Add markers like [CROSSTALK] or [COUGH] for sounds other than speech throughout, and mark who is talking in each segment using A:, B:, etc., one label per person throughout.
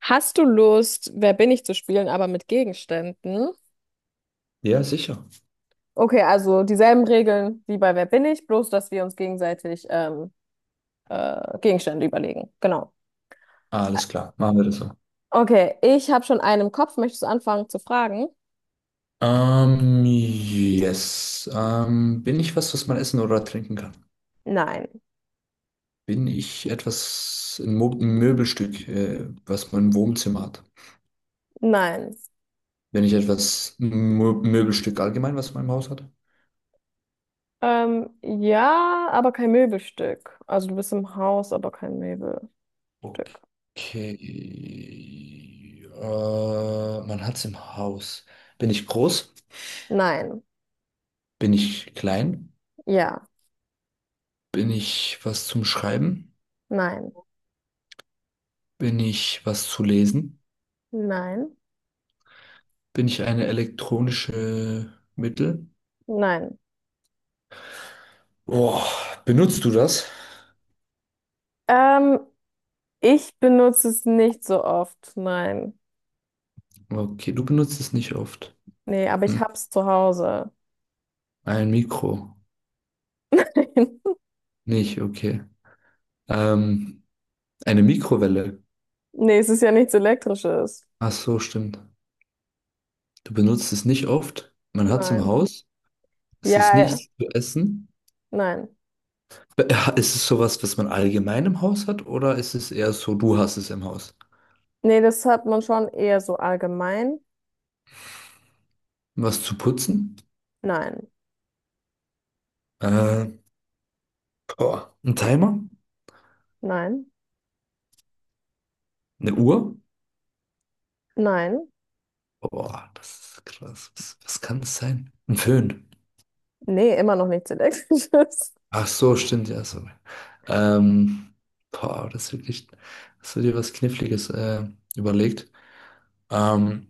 A: Hast du Lust, Wer bin ich zu spielen, aber mit Gegenständen?
B: Ja, sicher.
A: Okay, also dieselben Regeln wie bei Wer bin ich, bloß dass wir uns gegenseitig Gegenstände überlegen. Genau.
B: Alles klar, machen wir das so.
A: Okay, ich habe schon einen im Kopf. Möchtest du anfangen zu fragen?
B: Yes. Bin ich was, was man essen oder trinken kann?
A: Nein,
B: Bin ich etwas, ein Mo ein Möbelstück, was man im Wohnzimmer hat?
A: nein.
B: Bin ich etwas, ein Mo Möbelstück allgemein, was man im Haus hat?
A: Ja, aber kein Möbelstück. Also du bist im Haus, aber kein Möbelstück.
B: Okay. Man hat es im Haus. Bin ich groß?
A: Nein,
B: Bin ich klein?
A: ja,
B: Bin ich was zum Schreiben?
A: nein,
B: Bin ich was zu lesen?
A: nein,
B: Bin ich eine elektronische Mittel?
A: nein.
B: Boah, benutzt du das?
A: Ähm, Ich benutze es nicht so oft. Nein.
B: Okay, du benutzt es nicht oft.
A: Nee, aber ich
B: Hm.
A: hab's zu Hause.
B: Ein Mikro.
A: [LAUGHS]
B: Nicht, okay. Ähm, eine Mikrowelle.
A: Nee, es ist ja nichts Elektrisches.
B: Ach so, stimmt. Du benutzt es nicht oft. Man hat es im
A: Nein.
B: Haus. Es ist
A: Ja, ja,
B: nichts zu essen.
A: nein.
B: Be- Ist es sowas, was man allgemein im Haus hat, oder ist es eher so, du hast es im Haus?
A: Nee, das hat man schon eher so allgemein.
B: Was zu putzen?
A: Nein,
B: Äh, Boah, ein Timer?
A: nein,
B: Eine Uhr?
A: nein.
B: Boah, das ist krass. Was, was kann es sein? Ein Föhn.
A: Nee, immer noch nichts Elektrisches.
B: Ach so, stimmt, ja, sorry. Ähm, boah, das ist wirklich, hast du dir was Kniffliges überlegt? Ähm,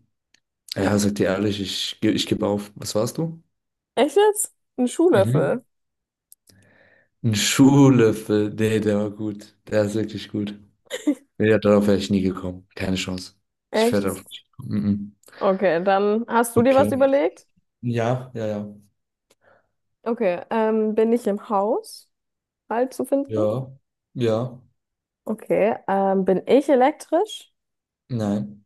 B: ja, sag dir ehrlich, ich gebe auf. Was warst du?
A: [LAUGHS] Echt jetzt? Ein
B: Mhm.
A: Schuhlöffel.
B: Ein Schuhlöffel. Nee, der war gut. Der ist wirklich gut. Nee, darauf wäre ich nie gekommen. Keine Chance. Ich wäre
A: Echt?
B: darauf nicht gekommen. Mhm.
A: Okay, dann hast du dir was
B: Okay.
A: überlegt?
B: Ja, ja, ja.
A: Okay, bin ich im Haus halt zu finden?
B: Ja, ja.
A: Okay, bin ich elektrisch?
B: Nein.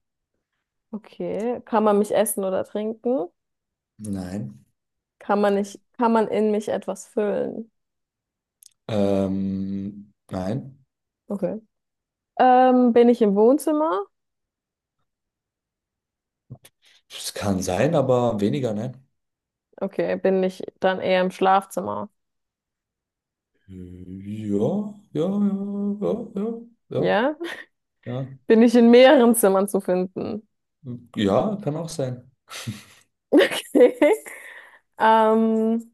A: Okay, kann man mich essen oder trinken?
B: Nein.
A: Kann man nicht, kann man in mich etwas füllen?
B: Nein.
A: Okay. Bin ich im Wohnzimmer?
B: Es kann sein, aber weniger, nein.
A: Okay, bin ich dann eher im Schlafzimmer?
B: Ja, ja, ja, ja, ja, ja,
A: Ja?
B: ja.
A: Bin ich in mehreren Zimmern zu finden? [LAUGHS]
B: Ja, kann auch sein.
A: Okay. Ähm,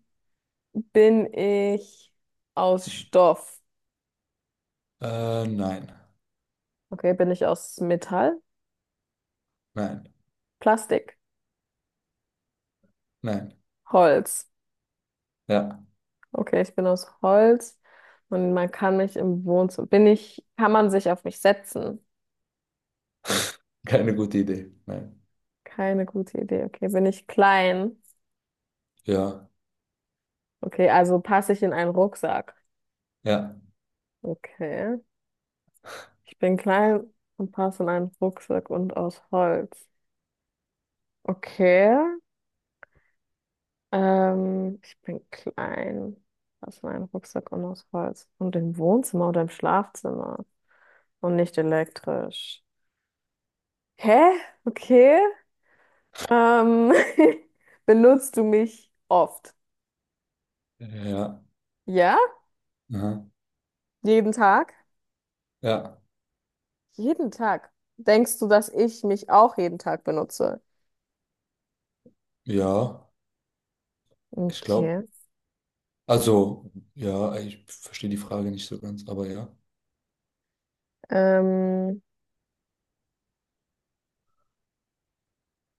A: Bin ich aus Stoff?
B: Nein,
A: Okay, bin ich aus Metall?
B: nein,
A: Plastik?
B: nein.
A: Holz?
B: Ja,
A: Okay, ich bin aus Holz und man kann mich im Wohnzimmer. Bin ich, kann man sich auf mich setzen?
B: [LAUGHS] keine gute Idee. Nein.
A: Keine gute Idee. Okay, bin ich klein?
B: Ja,
A: Okay, also passe ich in einen Rucksack.
B: ja,
A: Okay. Ich bin klein und passe in einen Rucksack und aus Holz. Okay. Ich bin klein, passe in einen Rucksack und aus Holz. Und im Wohnzimmer oder im Schlafzimmer. Und nicht elektrisch. Hä? Okay. Ähm, [LAUGHS] benutzt du mich oft?
B: ja,
A: Ja?
B: aha,
A: Jeden Tag?
B: ja,
A: Jeden Tag. Denkst du, dass ich mich auch jeden Tag benutze?
B: ja, ich glaube.
A: Okay.
B: Also, ja, ich verstehe die Frage nicht so ganz, aber ja.
A: Ähm,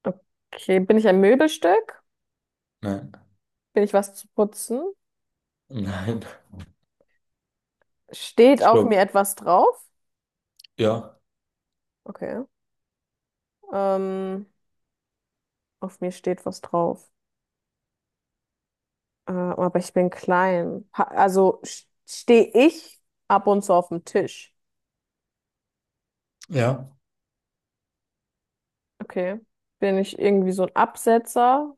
A: okay, bin ich ein Möbelstück?
B: Nein,
A: Bin ich was zu putzen?
B: [LAUGHS] nein.
A: Steht
B: Ich
A: auf mir
B: glaube,
A: etwas drauf?
B: ja,
A: Okay. Ähm, auf mir steht was drauf. Aber ich bin klein. Ha also stehe ich ab und zu auf dem Tisch.
B: ja.
A: Okay. Bin ich irgendwie so ein Absetzer,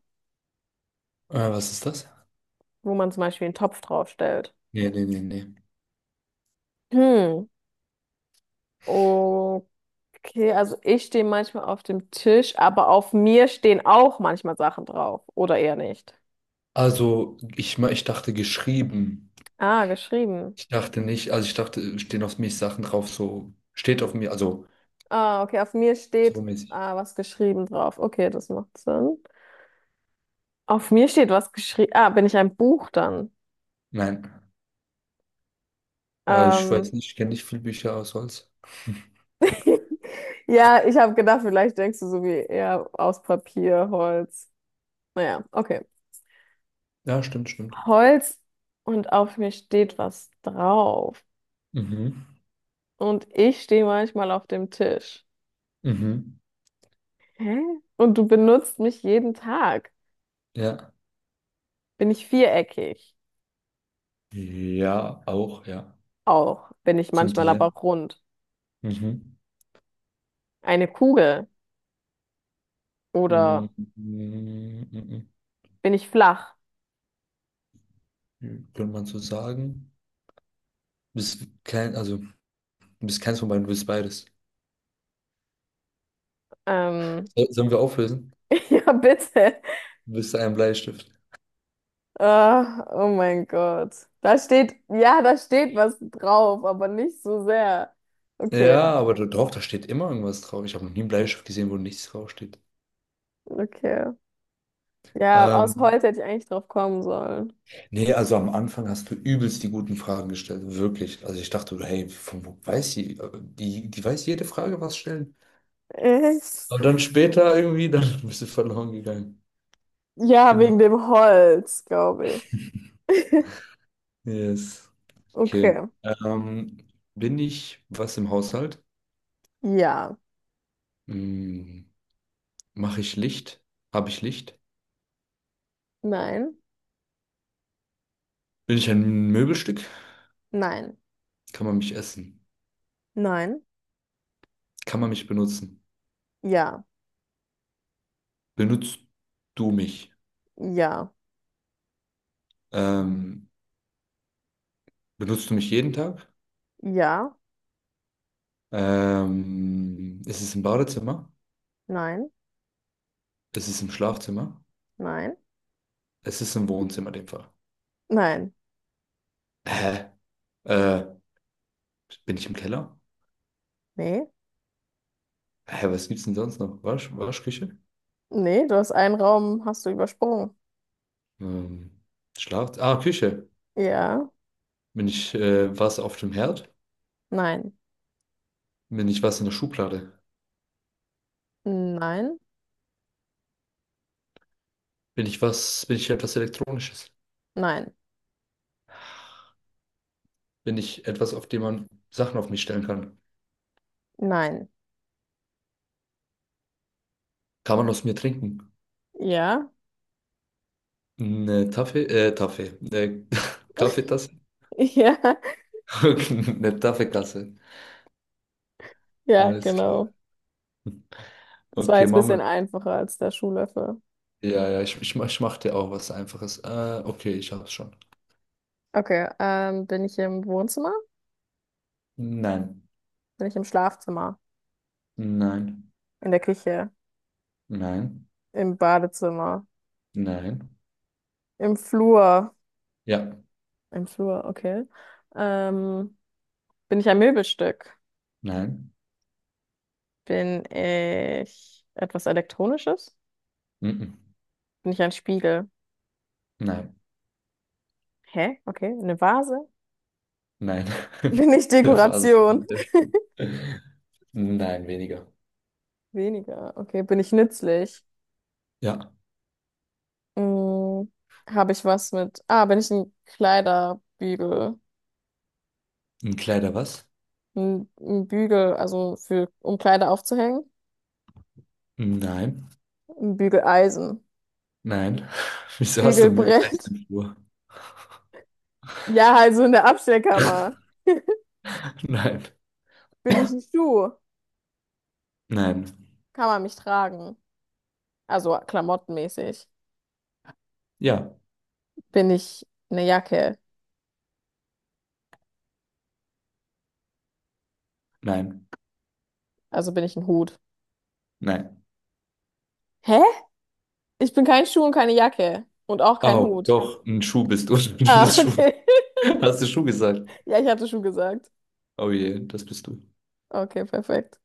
B: Was ist das?
A: wo man zum Beispiel einen Topf draufstellt?
B: Nee, nee, nee, nee.
A: Hm. Okay, also ich stehe manchmal auf dem Tisch, aber auf mir stehen auch manchmal Sachen drauf. Oder eher nicht.
B: Also, ich dachte geschrieben.
A: Ah, geschrieben.
B: Ich dachte nicht, also ich dachte, stehen auf mich Sachen drauf, so, steht auf mir, also,
A: Ah, okay, auf mir
B: so
A: steht
B: mäßig.
A: was geschrieben drauf. Okay, das macht Sinn. Auf mir steht was geschrieben. Ah, bin ich ein Buch dann?
B: Nein. Ja, ich
A: Ähm,
B: weiß nicht, ich kenne nicht viele Bücher aus Holz.
A: [LAUGHS] ja, ich habe gedacht, vielleicht denkst du so wie eher aus Papier, Holz. Naja, okay.
B: Ja, stimmt, stimmt.
A: Holz und auf mir steht was drauf.
B: Mhm.
A: Und ich stehe manchmal auf dem Tisch.
B: Mhm.
A: Hä? Und du benutzt mich jeden Tag.
B: Ja.
A: Bin ich viereckig?
B: Ja, auch, ja.
A: Auch. Bin ich
B: Zum
A: manchmal aber
B: Teil.
A: rund.
B: Mhm.
A: Eine Kugel?
B: Mhm.
A: Oder
B: Mhm.
A: bin ich flach?
B: Mhm. Könnte man so sagen. Du bist kein, also, du bist keins von beiden, du bist beides.
A: Ähm,
B: Sollen wir auflösen?
A: [LAUGHS] ja, bitte.
B: Du bist ein Bleistift.
A: Ah, oh mein Gott. Da steht, ja, da steht was drauf, aber nicht so sehr. Okay,
B: Ja, aber doch, da steht immer irgendwas drauf. Ich habe noch nie einen Bleistift gesehen, wo nichts draufsteht.
A: okay. Ja, aus
B: Ähm,
A: Holz hätte ich eigentlich drauf kommen sollen.
B: nee, also am Anfang hast du übelst die guten Fragen gestellt, wirklich. Also ich dachte, hey, von wo weiß sie? Die weiß jede Frage, was stellen.
A: [LAUGHS] Echt?
B: Aber dann später irgendwie, dann [LAUGHS] bist du verloren gegangen.
A: Ja, wegen
B: Genau.
A: dem Holz, glaube ich. [LAUGHS]
B: Yes. Okay.
A: Okay.
B: Ähm, bin ich was im Haushalt?
A: Ja.
B: Hm, mache ich Licht? Habe ich Licht?
A: Nein.
B: Bin ich ein Möbelstück?
A: Nein.
B: Kann man mich essen?
A: Nein.
B: Kann man mich benutzen?
A: Ja.
B: Benutzt du mich?
A: Ja.
B: Ähm, benutzt du mich jeden Tag?
A: Ja.
B: Ist es im Badezimmer?
A: Nein.
B: Ist es im Schlafzimmer?
A: Nein.
B: Ist es im Wohnzimmer in dem Fall?
A: Nein.
B: Hä? Äh, bin ich im Keller?
A: Nee.
B: Hä, was gibt's denn sonst noch? Wasch, Waschküche?
A: Nee, du hast einen Raum, hast du übersprungen.
B: Ähm, Schlaf... Ah, Küche.
A: Ja.
B: Bin ich was auf dem Herd?
A: Nein.
B: Bin ich was in der Schublade?
A: Nein,
B: Bin ich etwas Elektronisches?
A: nein,
B: Bin ich etwas, auf dem man Sachen auf mich stellen kann?
A: nein.
B: Kann man aus mir trinken?
A: Ja,
B: Eine Taffee, äh, Taffee, äh, [LAUGHS] Kaffeetasse?
A: [LAUGHS] ja,
B: Okay, [LAUGHS] eine taffe Kasse.
A: ja,
B: Alles klar.
A: genau. Das war
B: Okay,
A: jetzt ein
B: machen
A: bisschen
B: wir.
A: einfacher als der Schuhlöffel.
B: Ja, ja, ich mache dir auch was Einfaches. Okay, ich hab's schon.
A: Okay, bin ich im Wohnzimmer?
B: Nein.
A: Bin ich im Schlafzimmer?
B: Nein.
A: In der Küche?
B: Nein.
A: Im Badezimmer?
B: Nein.
A: Im Flur?
B: Ja.
A: Im Flur, okay. Ähm, Bin ich ein Möbelstück?
B: Nein.
A: Bin ich etwas Elektronisches?
B: Mhm.
A: Bin ich ein Spiegel?
B: Nein.
A: Hä? Okay, eine Vase?
B: Nein.
A: [LAUGHS]
B: [LAUGHS]
A: Bin ich
B: Der Phase
A: Dekoration?
B: in der Schule. Nein, weniger.
A: [LAUGHS] Weniger. Okay, bin ich nützlich?
B: Ja.
A: Mm, habe ich was mit. Ah, bin ich ein Kleiderbügel?
B: Ein Kleider was?
A: Ein Bügel, also für, um Kleider aufzuhängen?
B: Nein.
A: Ein Bügeleisen.
B: Nein. [LAUGHS] Wieso hast du Mühe geleistet
A: Bügelbrett.
B: im
A: [LAUGHS]
B: Flur?
A: Ja, also in der Abstellkammer.
B: [LAUGHS] Nein.
A: Bin ich ein Schuh?
B: Nein.
A: Kann man mich tragen? Also klamottenmäßig.
B: Ja.
A: Bin ich eine Jacke?
B: Nein.
A: Also bin ich ein Hut?
B: Nein.
A: Hä? Ich bin kein Schuh und keine Jacke. Und auch kein
B: Oh,
A: Hut.
B: doch, ein Schuh bist du. [LAUGHS] Du
A: Ah,
B: bist Schuh.
A: okay. [LAUGHS]
B: Hast du Schuh gesagt?
A: Ja, ich hatte Schuh gesagt.
B: Oh je, das bist du.
A: Okay, perfekt.